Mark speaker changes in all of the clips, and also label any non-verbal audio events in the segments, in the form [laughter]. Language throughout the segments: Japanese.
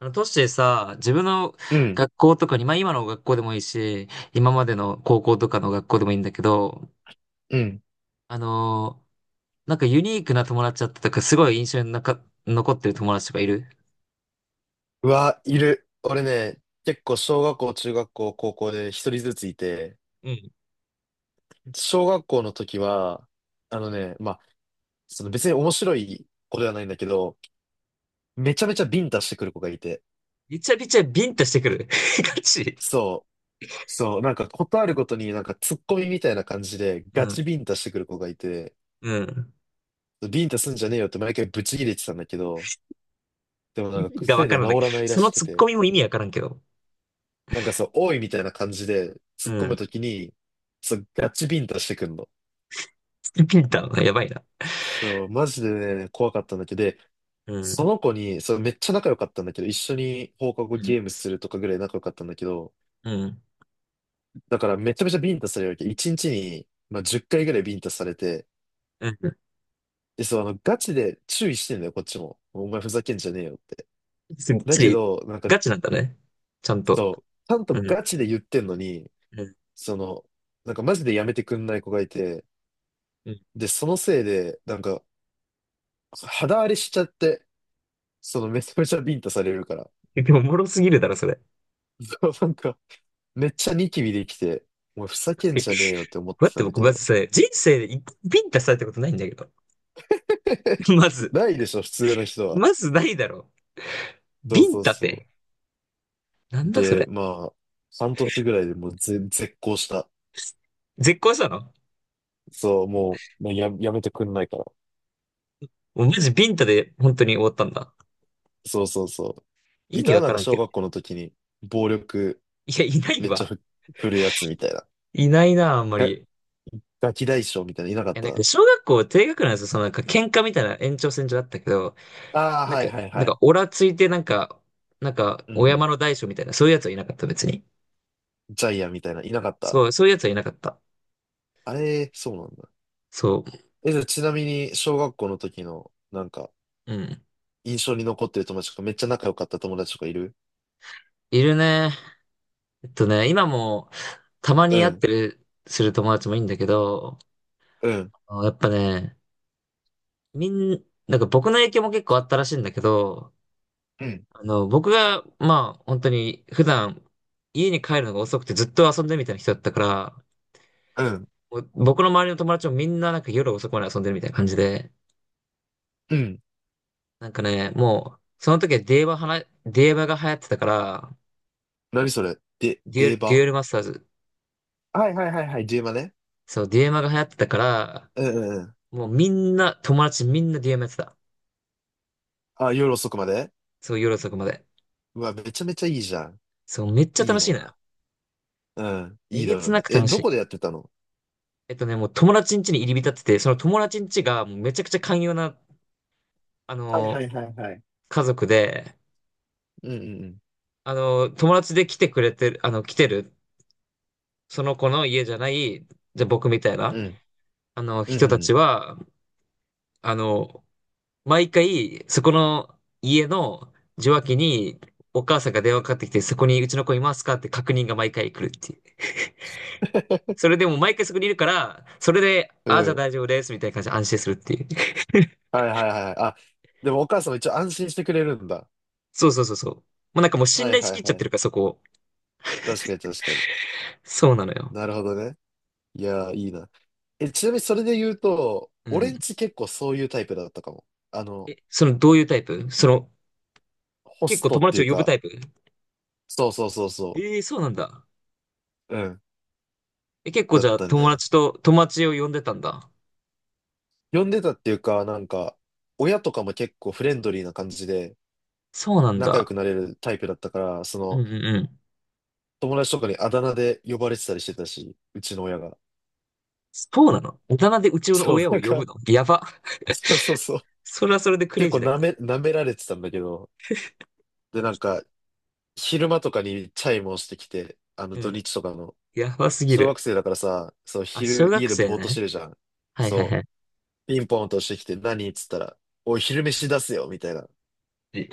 Speaker 1: 都市でさ、自分の
Speaker 2: うん、
Speaker 1: 学校とかに、まあ今の学校でもいいし、今までの高校とかの学校でもいいんだけど、
Speaker 2: うん。
Speaker 1: あのーなんかユニークな友達だったとか、すごい印象に残ってる友達とかいる？
Speaker 2: うわ、いる。俺ね、結構小学校、中学校、高校で一人ずついて、
Speaker 1: うん。
Speaker 2: 小学校の時は、あのね、まあ、その別に面白い子ではないんだけど、めちゃめちゃビンタしてくる子がいて、
Speaker 1: びちゃびちゃビンタしてくる。[laughs] ガチ。
Speaker 2: そう、そう、なんかことあるごとになんかツッコミみたいな感じで
Speaker 1: う
Speaker 2: ガチ
Speaker 1: ん。
Speaker 2: ビンタしてくる子がいて、
Speaker 1: うん。
Speaker 2: ビンタすんじゃねえよって毎回ブチ切れてたんだけど、でもな
Speaker 1: 意
Speaker 2: んか
Speaker 1: 味がわ
Speaker 2: 癖
Speaker 1: か
Speaker 2: で
Speaker 1: らない。
Speaker 2: 治らないら
Speaker 1: その
Speaker 2: しく
Speaker 1: ツッコ
Speaker 2: て、
Speaker 1: ミも意味わからんけど。
Speaker 2: おいみたいな感じで突っ
Speaker 1: う
Speaker 2: 込むと
Speaker 1: ん。
Speaker 2: きに、そう、ガチビンタしてくんの。
Speaker 1: ビンタ、やばいな。
Speaker 2: そう、マジでね、怖かったんだけど、で
Speaker 1: う
Speaker 2: そ
Speaker 1: ん。
Speaker 2: の子に、そう、めっちゃ仲良かったんだけど、一緒に放課後
Speaker 1: うん。
Speaker 2: ゲームするとかぐらい仲良かったんだけど、
Speaker 1: うん。
Speaker 2: だからめちゃめちゃビンタされるわけ。一日に、10回ぐらいビンタされて、
Speaker 1: うん。
Speaker 2: で、そう、あの、ガチで注意してんだよ、こっちも。お前ふざけんじゃねえよって。
Speaker 1: ガ
Speaker 2: だけ
Speaker 1: チ、
Speaker 2: ど、なんか、
Speaker 1: ガチなんだね。ちゃんと。
Speaker 2: そう、ちゃんと
Speaker 1: うん。
Speaker 2: ガチで言ってんのに、
Speaker 1: うん。
Speaker 2: その、マジでやめてくんない子がいて、
Speaker 1: うん。
Speaker 2: で、そのせいで、肌荒れしちゃって、そのめちゃめちゃビンタされるから。
Speaker 1: でも、おもろすぎるだろ、それ。
Speaker 2: [laughs] そう、なんか、めっちゃニキビできて、もうふざけんじゃねえよって思っ
Speaker 1: 待
Speaker 2: て
Speaker 1: って、
Speaker 2: たんだ
Speaker 1: 僕、
Speaker 2: け
Speaker 1: まず
Speaker 2: ど。
Speaker 1: さ、人生で一回ビンタされたことないんだけど。
Speaker 2: [laughs]
Speaker 1: [laughs] まず、
Speaker 2: ないでしょ、普通の人は。
Speaker 1: まずないだろう。
Speaker 2: そう
Speaker 1: ビン
Speaker 2: そう
Speaker 1: タっ
Speaker 2: そ
Speaker 1: て。な
Speaker 2: う。
Speaker 1: んだそ
Speaker 2: で、
Speaker 1: れ。
Speaker 2: まあ、半年ぐらいでもう絶交した。
Speaker 1: 絶交したの？
Speaker 2: そう、もう、まあや、やめてくんないから。
Speaker 1: もうマジビンタで本当に終わったんだ。
Speaker 2: そうそうそう。
Speaker 1: 意味わ
Speaker 2: な
Speaker 1: か
Speaker 2: んか
Speaker 1: らん
Speaker 2: 小
Speaker 1: け
Speaker 2: 学
Speaker 1: ど。
Speaker 2: 校の時に、暴力
Speaker 1: いや、いない
Speaker 2: めっちゃ
Speaker 1: わ。
Speaker 2: ふ、振るやつみたいな。
Speaker 1: いないな、あんま
Speaker 2: が、
Speaker 1: り。い
Speaker 2: ガキ大将みたいな、いなかっ
Speaker 1: や、なんか、
Speaker 2: た？
Speaker 1: 小学校低学年なんですよ。そのなんか、喧嘩みたいな延長線上だったけど、
Speaker 2: ああ
Speaker 1: な
Speaker 2: ー、
Speaker 1: ん
Speaker 2: は
Speaker 1: か、
Speaker 2: いはい
Speaker 1: な
Speaker 2: は
Speaker 1: んか、
Speaker 2: い。
Speaker 1: オラついて、なんか、なんか、
Speaker 2: うん
Speaker 1: お
Speaker 2: う
Speaker 1: 山
Speaker 2: ん。
Speaker 1: の大将みたいな、そういうやつはいなかった、別に。
Speaker 2: ジャイアンみたいな、いなかった？
Speaker 1: そう、そういうやつはいなかった。
Speaker 2: あれ、そうなんだ。
Speaker 1: そ
Speaker 2: え、じゃあちなみに、小学校の時の、なんか、
Speaker 1: う。うん。
Speaker 2: 印象に残ってる友達とか、めっちゃ仲良かった友達とかいる？
Speaker 1: いるね。えっとね、今もたま
Speaker 2: う
Speaker 1: に会っ
Speaker 2: ん、
Speaker 1: てる、する友達もいいんだけど、
Speaker 2: うん、
Speaker 1: あやっぱね、みん、なんか僕の影響も結構あったらしいんだけど、
Speaker 2: うん、
Speaker 1: あの、僕が、まあ、本当に普段家に帰るのが遅くてずっと遊んでるみたいな人だったから、
Speaker 2: うん、
Speaker 1: もう僕の周りの友達もみんななんか夜遅くまで遊んでるみたいな感じで、
Speaker 2: うん。
Speaker 1: なんかね、もう、その時はデュエマはな、デュエマが流行ってたから、
Speaker 2: 何それで、
Speaker 1: デュエ
Speaker 2: デー
Speaker 1: ル、デュ
Speaker 2: バ？
Speaker 1: エルマスターズ、
Speaker 2: はいはいはいはい、デーバね。
Speaker 1: そう、デュエマが流行ってたから、
Speaker 2: うんうんうん。
Speaker 1: もうみんな、友達みんなデュエマやってた。
Speaker 2: あ、夜遅くまで？
Speaker 1: そう、夜遅くまで。
Speaker 2: うわ、めちゃめちゃいいじゃん。
Speaker 1: そう、めっちゃ
Speaker 2: いい
Speaker 1: 楽しいのよ。
Speaker 2: な。うん、
Speaker 1: え
Speaker 2: いい
Speaker 1: げ
Speaker 2: だろ
Speaker 1: つ
Speaker 2: う
Speaker 1: な
Speaker 2: ね。
Speaker 1: く
Speaker 2: え、
Speaker 1: 楽し
Speaker 2: ど
Speaker 1: い。
Speaker 2: こでやってたの？
Speaker 1: えっとね、もう友達ん家に入り浸ってて、その友達ん家がもうめちゃくちゃ寛容な、あ
Speaker 2: はい
Speaker 1: の
Speaker 2: は
Speaker 1: ー、
Speaker 2: いはいはい。
Speaker 1: 家族で、
Speaker 2: うんうん
Speaker 1: 友達で来てくれてる、あの、来てる、その子の家じゃない、じゃあ僕みたいな、
Speaker 2: うん。
Speaker 1: あの、
Speaker 2: うん、う
Speaker 1: 人
Speaker 2: ん、う
Speaker 1: たち
Speaker 2: ん。
Speaker 1: は、あの、毎回、そこの家の受話器にお母さんが電話かかってきて、そこにうちの子いますかって確認が毎回来るっていう。そ
Speaker 2: [laughs]
Speaker 1: れでも毎回そこにいるから、それで、
Speaker 2: う
Speaker 1: ああ、じゃあ
Speaker 2: ん。
Speaker 1: 大丈夫です、みたいな感じで安心するっていう。
Speaker 2: はいはいはい。あ、でもお母さんも一応安心してくれるんだ。
Speaker 1: そうそうそうそう。もうなんかもう
Speaker 2: は
Speaker 1: 信
Speaker 2: い
Speaker 1: 頼し
Speaker 2: は
Speaker 1: きっ
Speaker 2: い
Speaker 1: ちゃっ
Speaker 2: は
Speaker 1: て
Speaker 2: い。
Speaker 1: るから、そこを。
Speaker 2: 確かに確かに。
Speaker 1: そうなのよ。
Speaker 2: なるほどね。いやー、いいな。え、ちなみにそれで言うと、
Speaker 1: う
Speaker 2: 俺
Speaker 1: ん。
Speaker 2: んち結構そういうタイプだったかも。あの、
Speaker 1: え、その、どういうタイプその、
Speaker 2: ホ
Speaker 1: 結
Speaker 2: ス
Speaker 1: 構
Speaker 2: ト
Speaker 1: 友
Speaker 2: ってい
Speaker 1: 達を
Speaker 2: う
Speaker 1: 呼ぶ
Speaker 2: か、
Speaker 1: タイプ？
Speaker 2: そうそうそうそ
Speaker 1: ええ、そうなんだ。
Speaker 2: う。うん。
Speaker 1: え、結構
Speaker 2: だ
Speaker 1: じ
Speaker 2: っ
Speaker 1: ゃあ
Speaker 2: た
Speaker 1: 友
Speaker 2: ね。
Speaker 1: 達と、友達を呼んでたんだ。
Speaker 2: 呼んでたっていうか、なんか、親とかも結構フレンドリーな感じで
Speaker 1: そうなん
Speaker 2: 仲良
Speaker 1: だ。
Speaker 2: くなれるタイプだったから、そ
Speaker 1: うんう
Speaker 2: の、
Speaker 1: んうん。
Speaker 2: 友達とかにあだ名で呼ばれてたりしてたし、うちの親が。
Speaker 1: そうなの？大人でうちの
Speaker 2: そう、
Speaker 1: 親を
Speaker 2: なん
Speaker 1: 呼ぶ
Speaker 2: か、
Speaker 1: のやば。
Speaker 2: そうそうそう。
Speaker 1: それはそれでクレ
Speaker 2: 結
Speaker 1: イジ
Speaker 2: 構
Speaker 1: ーだけ
Speaker 2: なめ、舐められてたんだけど、で、なんか、昼間とかにチャイムをしてきて、あの、
Speaker 1: ど。う
Speaker 2: 土
Speaker 1: ん。
Speaker 2: 日とかの。
Speaker 1: やばすぎ
Speaker 2: 小学
Speaker 1: る。
Speaker 2: 生だからさ、そう、
Speaker 1: あ、小
Speaker 2: 昼家
Speaker 1: 学
Speaker 2: で
Speaker 1: 生
Speaker 2: ぼーっとし
Speaker 1: ね。
Speaker 2: てるじゃん。
Speaker 1: はいはい
Speaker 2: そ
Speaker 1: はい。
Speaker 2: う、ピンポンとしてきて何っつったら、おい、昼飯出せよみたいな。
Speaker 1: え、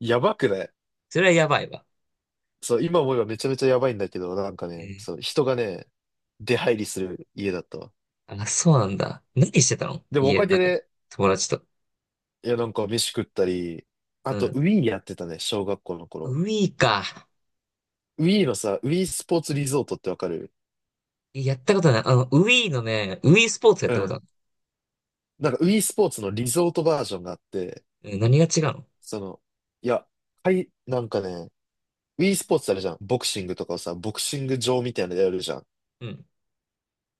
Speaker 2: やばくない？
Speaker 1: それはやばいわ。
Speaker 2: そう、今思えばめちゃめちゃやばいんだけど、
Speaker 1: うん。
Speaker 2: 人がね、出入りする家だったわ。
Speaker 1: あ、そうなんだ。何してたの
Speaker 2: でもお
Speaker 1: 家
Speaker 2: か
Speaker 1: の
Speaker 2: げ
Speaker 1: 中で。
Speaker 2: で、
Speaker 1: 友達と。
Speaker 2: 飯食ったり、
Speaker 1: う
Speaker 2: あと、
Speaker 1: ん。
Speaker 2: ウィーやってたね、小学校の頃。
Speaker 1: ウィーか。
Speaker 2: ウィーのさ、ウィースポーツリゾートってわかる？
Speaker 1: やったことない。あの、ウィーのね、ウィースポーツやっ
Speaker 2: う
Speaker 1: たことあ
Speaker 2: ん。
Speaker 1: る。
Speaker 2: なんか、ウィースポーツのリゾートバージョンがあって、
Speaker 1: うん、何が違うの？
Speaker 2: その、いや、はい、なんかね、e スポーツあるじゃん。ボクシングとかをさ、ボクシング場みたいなのやるじゃん。
Speaker 1: うん。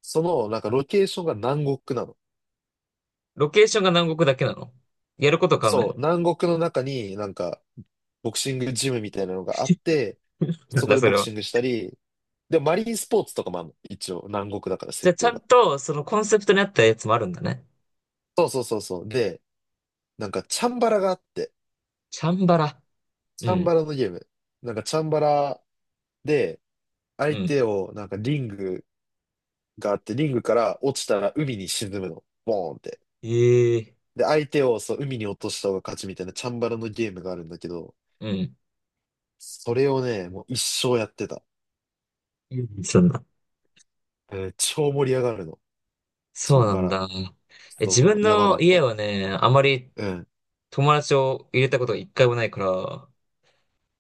Speaker 2: その、なんかロケーションが南国なの。
Speaker 1: ロケーションが南国だけなの？やること変わんない
Speaker 2: そう、
Speaker 1: の？
Speaker 2: 南国の中になんか、ボクシングジムみたいなのがあって、
Speaker 1: な
Speaker 2: そ
Speaker 1: ん
Speaker 2: こ
Speaker 1: だ
Speaker 2: で
Speaker 1: そ
Speaker 2: ボ
Speaker 1: れ
Speaker 2: ク
Speaker 1: は。
Speaker 2: シングしたり、で、マリンスポーツとかもあるの。一応、南国だから
Speaker 1: じゃあ、
Speaker 2: 設
Speaker 1: ち
Speaker 2: 定
Speaker 1: ゃん
Speaker 2: が。
Speaker 1: と、そのコンセプトに合ったやつもあるんだね。
Speaker 2: そうそうそうそう。で、なんかチャンバラがあって、
Speaker 1: チャンバラ。
Speaker 2: チ
Speaker 1: う
Speaker 2: ャンバ
Speaker 1: ん。
Speaker 2: ラのゲーム。なんかチャンバラで、
Speaker 1: う
Speaker 2: 相
Speaker 1: ん。
Speaker 2: 手を、なんかリングがあって、リングから落ちたら海に沈むの。ボーンって。
Speaker 1: ええ。
Speaker 2: で、相手をそう、海に落とした方が勝ちみたいなチャンバラのゲームがあるんだけど、
Speaker 1: うん。
Speaker 2: それをね、もう一生やってた。
Speaker 1: うん、そんな。
Speaker 2: うん、超盛り上がるの。チ
Speaker 1: そ
Speaker 2: ャ
Speaker 1: う
Speaker 2: ン
Speaker 1: な
Speaker 2: バ
Speaker 1: ん
Speaker 2: ラ。
Speaker 1: だ。え、自
Speaker 2: そ
Speaker 1: 分
Speaker 2: う、やばか
Speaker 1: の
Speaker 2: っ
Speaker 1: 家
Speaker 2: た。
Speaker 1: はね、あまり
Speaker 2: うん。
Speaker 1: 友達を入れたことが一回もないから、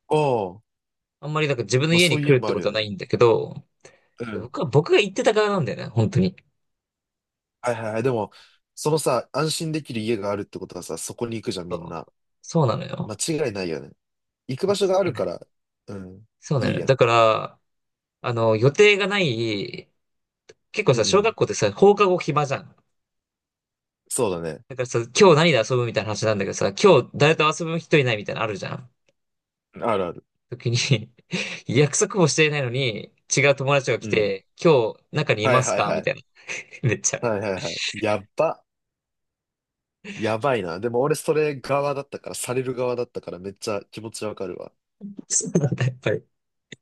Speaker 2: おー、
Speaker 1: あんまりなんか自分の
Speaker 2: まあ
Speaker 1: 家
Speaker 2: そ
Speaker 1: に
Speaker 2: ういう
Speaker 1: 来
Speaker 2: の
Speaker 1: るっ
Speaker 2: も
Speaker 1: て
Speaker 2: あ
Speaker 1: こ
Speaker 2: る
Speaker 1: と
Speaker 2: よ
Speaker 1: はな
Speaker 2: ね。
Speaker 1: いんだけど、
Speaker 2: うん。
Speaker 1: 僕は、僕が行ってた側なんだよね、本当に。
Speaker 2: はいはいはい。でも、そのさ、安心できる家があるってことはさ、そこに行くじゃん、みん
Speaker 1: そ
Speaker 2: な。
Speaker 1: う、そうなのよ。
Speaker 2: 間違いないよね。行く場所があるから、うん、
Speaker 1: そうな
Speaker 2: い
Speaker 1: の
Speaker 2: い
Speaker 1: よね。
Speaker 2: や
Speaker 1: だ
Speaker 2: ん。
Speaker 1: から、あの、予定がない、結
Speaker 2: う
Speaker 1: 構
Speaker 2: んう
Speaker 1: さ、小
Speaker 2: ん。
Speaker 1: 学校ってさ、放課後暇じゃん。
Speaker 2: そうだね。
Speaker 1: だからさ、今日何で遊ぶみたいな話なんだけどさ、今日誰と遊ぶ人いないみたいなのあるじゃん。
Speaker 2: あるある。
Speaker 1: 時に [laughs] 約束もしていないのに、違う友達が来
Speaker 2: うん。
Speaker 1: て、今日中にい
Speaker 2: は
Speaker 1: ま
Speaker 2: い
Speaker 1: す
Speaker 2: はい
Speaker 1: か
Speaker 2: は
Speaker 1: み
Speaker 2: い。
Speaker 1: たいな。[laughs] めっちゃある。
Speaker 2: はいはいはい。やっば。やばいな。でも俺それ側だったから、される側だったからめっちゃ気持ちわかるわ。
Speaker 1: そうなんだ、やっぱり。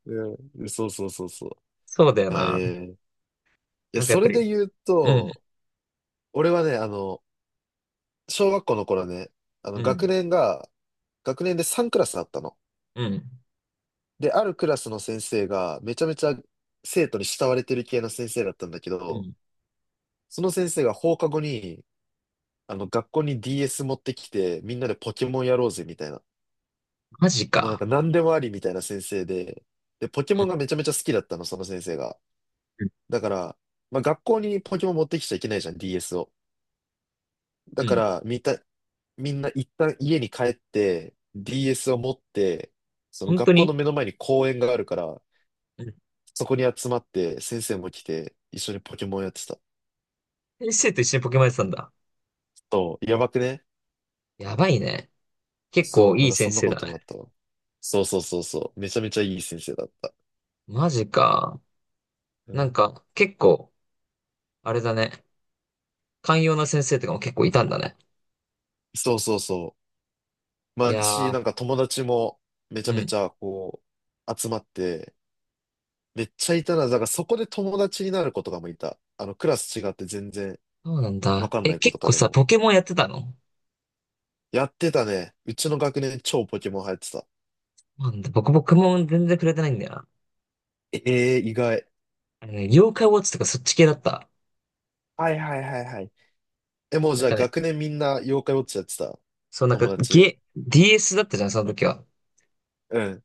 Speaker 2: うん。そうそうそうそう。
Speaker 1: そうだよ
Speaker 2: あ、え
Speaker 1: な。
Speaker 2: えいや、
Speaker 1: なんかや
Speaker 2: そ
Speaker 1: っぱ
Speaker 2: れ
Speaker 1: り、
Speaker 2: で言う
Speaker 1: うん、
Speaker 2: と、俺はね、あの、小学校の頃ね、あの、
Speaker 1: う
Speaker 2: 学
Speaker 1: ん、
Speaker 2: 年が、学年で3クラスあったの。
Speaker 1: うん、
Speaker 2: で、あるクラスの先生が、めちゃめちゃ生徒に慕われてる系の先生だったんだけ
Speaker 1: う
Speaker 2: ど、
Speaker 1: ん。
Speaker 2: その先生が放課後に、あの、学校に DS 持ってきて、みんなでポケモンやろうぜ、みたいな。
Speaker 1: マジ
Speaker 2: もうなん
Speaker 1: か。
Speaker 2: か何でもありみたいな先生で、で、ポケ
Speaker 1: う
Speaker 2: モ
Speaker 1: ん、
Speaker 2: ンがめちゃめちゃ好きだったの、その先生が。だから、まあ、学校にポケモン持ってきちゃいけないじゃん、DS を。
Speaker 1: う
Speaker 2: だ
Speaker 1: ん、う
Speaker 2: か
Speaker 1: ん。
Speaker 2: ら、みた、みんな一旦家に帰って、DS を持って、その
Speaker 1: 本当
Speaker 2: 学校の
Speaker 1: に？
Speaker 2: 目の前に公園があるから、
Speaker 1: うん。
Speaker 2: そこに集まって、先生も来て、一緒にポケモンやってた。
Speaker 1: 先生と一緒にポケモンやってたんだ。
Speaker 2: そう、やばくね？
Speaker 1: やばいね。結構
Speaker 2: そう、な
Speaker 1: い
Speaker 2: ん
Speaker 1: い
Speaker 2: かそ
Speaker 1: 先
Speaker 2: んな
Speaker 1: 生
Speaker 2: こ
Speaker 1: だ
Speaker 2: と
Speaker 1: ね。
Speaker 2: もあったわ。そうそうそうそう。めちゃめちゃいい先生だった。
Speaker 1: マジか。
Speaker 2: う
Speaker 1: なん
Speaker 2: ん、
Speaker 1: か、結構、あれだね。寛容な先生とかも結構いたんだね。
Speaker 2: そうそうそう。
Speaker 1: い
Speaker 2: まあ、
Speaker 1: や
Speaker 2: し、
Speaker 1: ー、
Speaker 2: なんか友達もめち
Speaker 1: う
Speaker 2: ゃめ
Speaker 1: ん。
Speaker 2: ちゃこう、集まって、めっちゃいたな。だからそこで友達になる子とかもいた。あの、クラス違って全然
Speaker 1: そうなん
Speaker 2: わ
Speaker 1: だ。
Speaker 2: かんな
Speaker 1: え、
Speaker 2: い子と
Speaker 1: 結
Speaker 2: か
Speaker 1: 構
Speaker 2: で
Speaker 1: さ、
Speaker 2: も。
Speaker 1: ポケモンやってたの？
Speaker 2: やってたね。うちの学年超ポケモン流行ってた。
Speaker 1: なんだ、僕、ポケモン全然触れてないんだよな。
Speaker 2: ええー、意外。
Speaker 1: あのね、妖怪ウォッチとかそっち系だった。
Speaker 2: はいはいはいはい。え、もう
Speaker 1: な
Speaker 2: じ
Speaker 1: ん
Speaker 2: ゃあ
Speaker 1: かね、
Speaker 2: 学年みんな妖怪ウォッチやってた？
Speaker 1: そう、なんか、
Speaker 2: 友達。
Speaker 1: ゲ、DS だったじゃん、その時は。
Speaker 2: うん。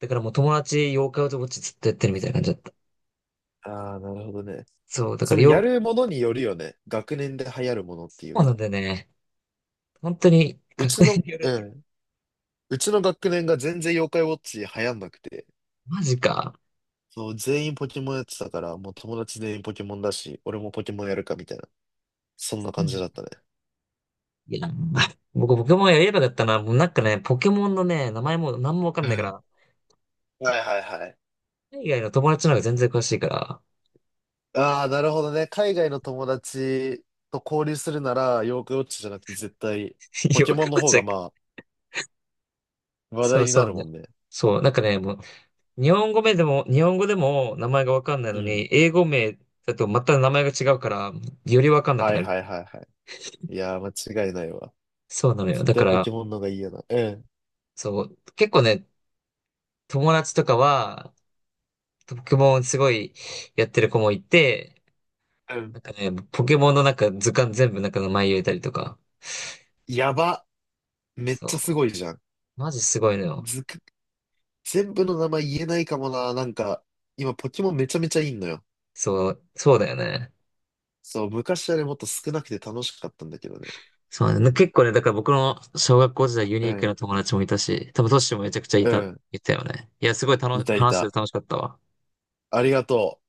Speaker 1: だからもう友達、妖怪ウォッチずっとやってるみたいな感じだった。
Speaker 2: ああ、なるほどね。
Speaker 1: そう、だか
Speaker 2: そ
Speaker 1: ら、
Speaker 2: のや
Speaker 1: 妖、
Speaker 2: るものによるよね。学年で流行るものっていう
Speaker 1: そうなん
Speaker 2: か。
Speaker 1: だよね。本当に、
Speaker 2: う
Speaker 1: 確
Speaker 2: ち
Speaker 1: 認
Speaker 2: の、
Speaker 1: によるっ
Speaker 2: う
Speaker 1: て。
Speaker 2: ん。うちの学年が全然妖怪ウォッチ流行んなくて。
Speaker 1: マジか。
Speaker 2: そう、全員ポケモンやってたから、もう友達全員ポケモンだし、俺もポケモンやるかみたいな。そんな感じだったね。
Speaker 1: いや、あ僕、ポケモンやればよかったな。もうなんかね、ポケモンのね、名前も何もわか
Speaker 2: う
Speaker 1: ん
Speaker 2: ん。
Speaker 1: ないか
Speaker 2: は
Speaker 1: ら、
Speaker 2: いはいはい。
Speaker 1: 海外の友達の方が全然詳しいから、
Speaker 2: ああ、なるほどね。海外の友達と交流するなら、ヨークウォッチじゃなくて絶対、
Speaker 1: [laughs]
Speaker 2: ポ
Speaker 1: よ
Speaker 2: ケモン
Speaker 1: く
Speaker 2: の方
Speaker 1: 間違
Speaker 2: が
Speaker 1: え。
Speaker 2: まあ、話
Speaker 1: そ
Speaker 2: 題
Speaker 1: う
Speaker 2: にな
Speaker 1: そう
Speaker 2: る
Speaker 1: ね。
Speaker 2: もんね。
Speaker 1: そう、なんかね、もう、日本語名でも、日本語でも名前がわかんない
Speaker 2: う
Speaker 1: の
Speaker 2: ん。
Speaker 1: に、英語名だとまた名前が違うから、よりわかんなく
Speaker 2: は
Speaker 1: な
Speaker 2: い
Speaker 1: る。
Speaker 2: はいはいはい。いやー、間違いないわ。
Speaker 1: そうなのよ。
Speaker 2: 絶
Speaker 1: だか
Speaker 2: 対ポ
Speaker 1: ら、
Speaker 2: ケモンの方がいいよな。うん。
Speaker 1: そう、結構ね、友達とかは、ポケモンすごいやってる子もいて、
Speaker 2: うん。
Speaker 1: なんかね、ポケモンのなんか図鑑全部なんか名前入れたりとか、
Speaker 2: やば。めっちゃ
Speaker 1: そ
Speaker 2: すごいじゃん。
Speaker 1: う、マジすごいのよ。
Speaker 2: ずく、全部の名前言えないかもな。なんか、今ポケモンめちゃめちゃいいのよ。
Speaker 1: そう、そうだよね。
Speaker 2: そう、昔はね、もっと少なくて楽しかったんだけどね。
Speaker 1: そうなんだよ
Speaker 2: な
Speaker 1: ね。
Speaker 2: ん、
Speaker 1: 結構ね、だから僕の小学校時代ユ
Speaker 2: う
Speaker 1: ニーク
Speaker 2: ん、
Speaker 1: な友達もいたし、多分トッシュもめちゃくちゃい
Speaker 2: う
Speaker 1: た、
Speaker 2: ん、
Speaker 1: いたよね。いや、すごい楽
Speaker 2: い
Speaker 1: し、
Speaker 2: たい
Speaker 1: 話してて
Speaker 2: た。
Speaker 1: 楽しかったわ。
Speaker 2: ありがとう。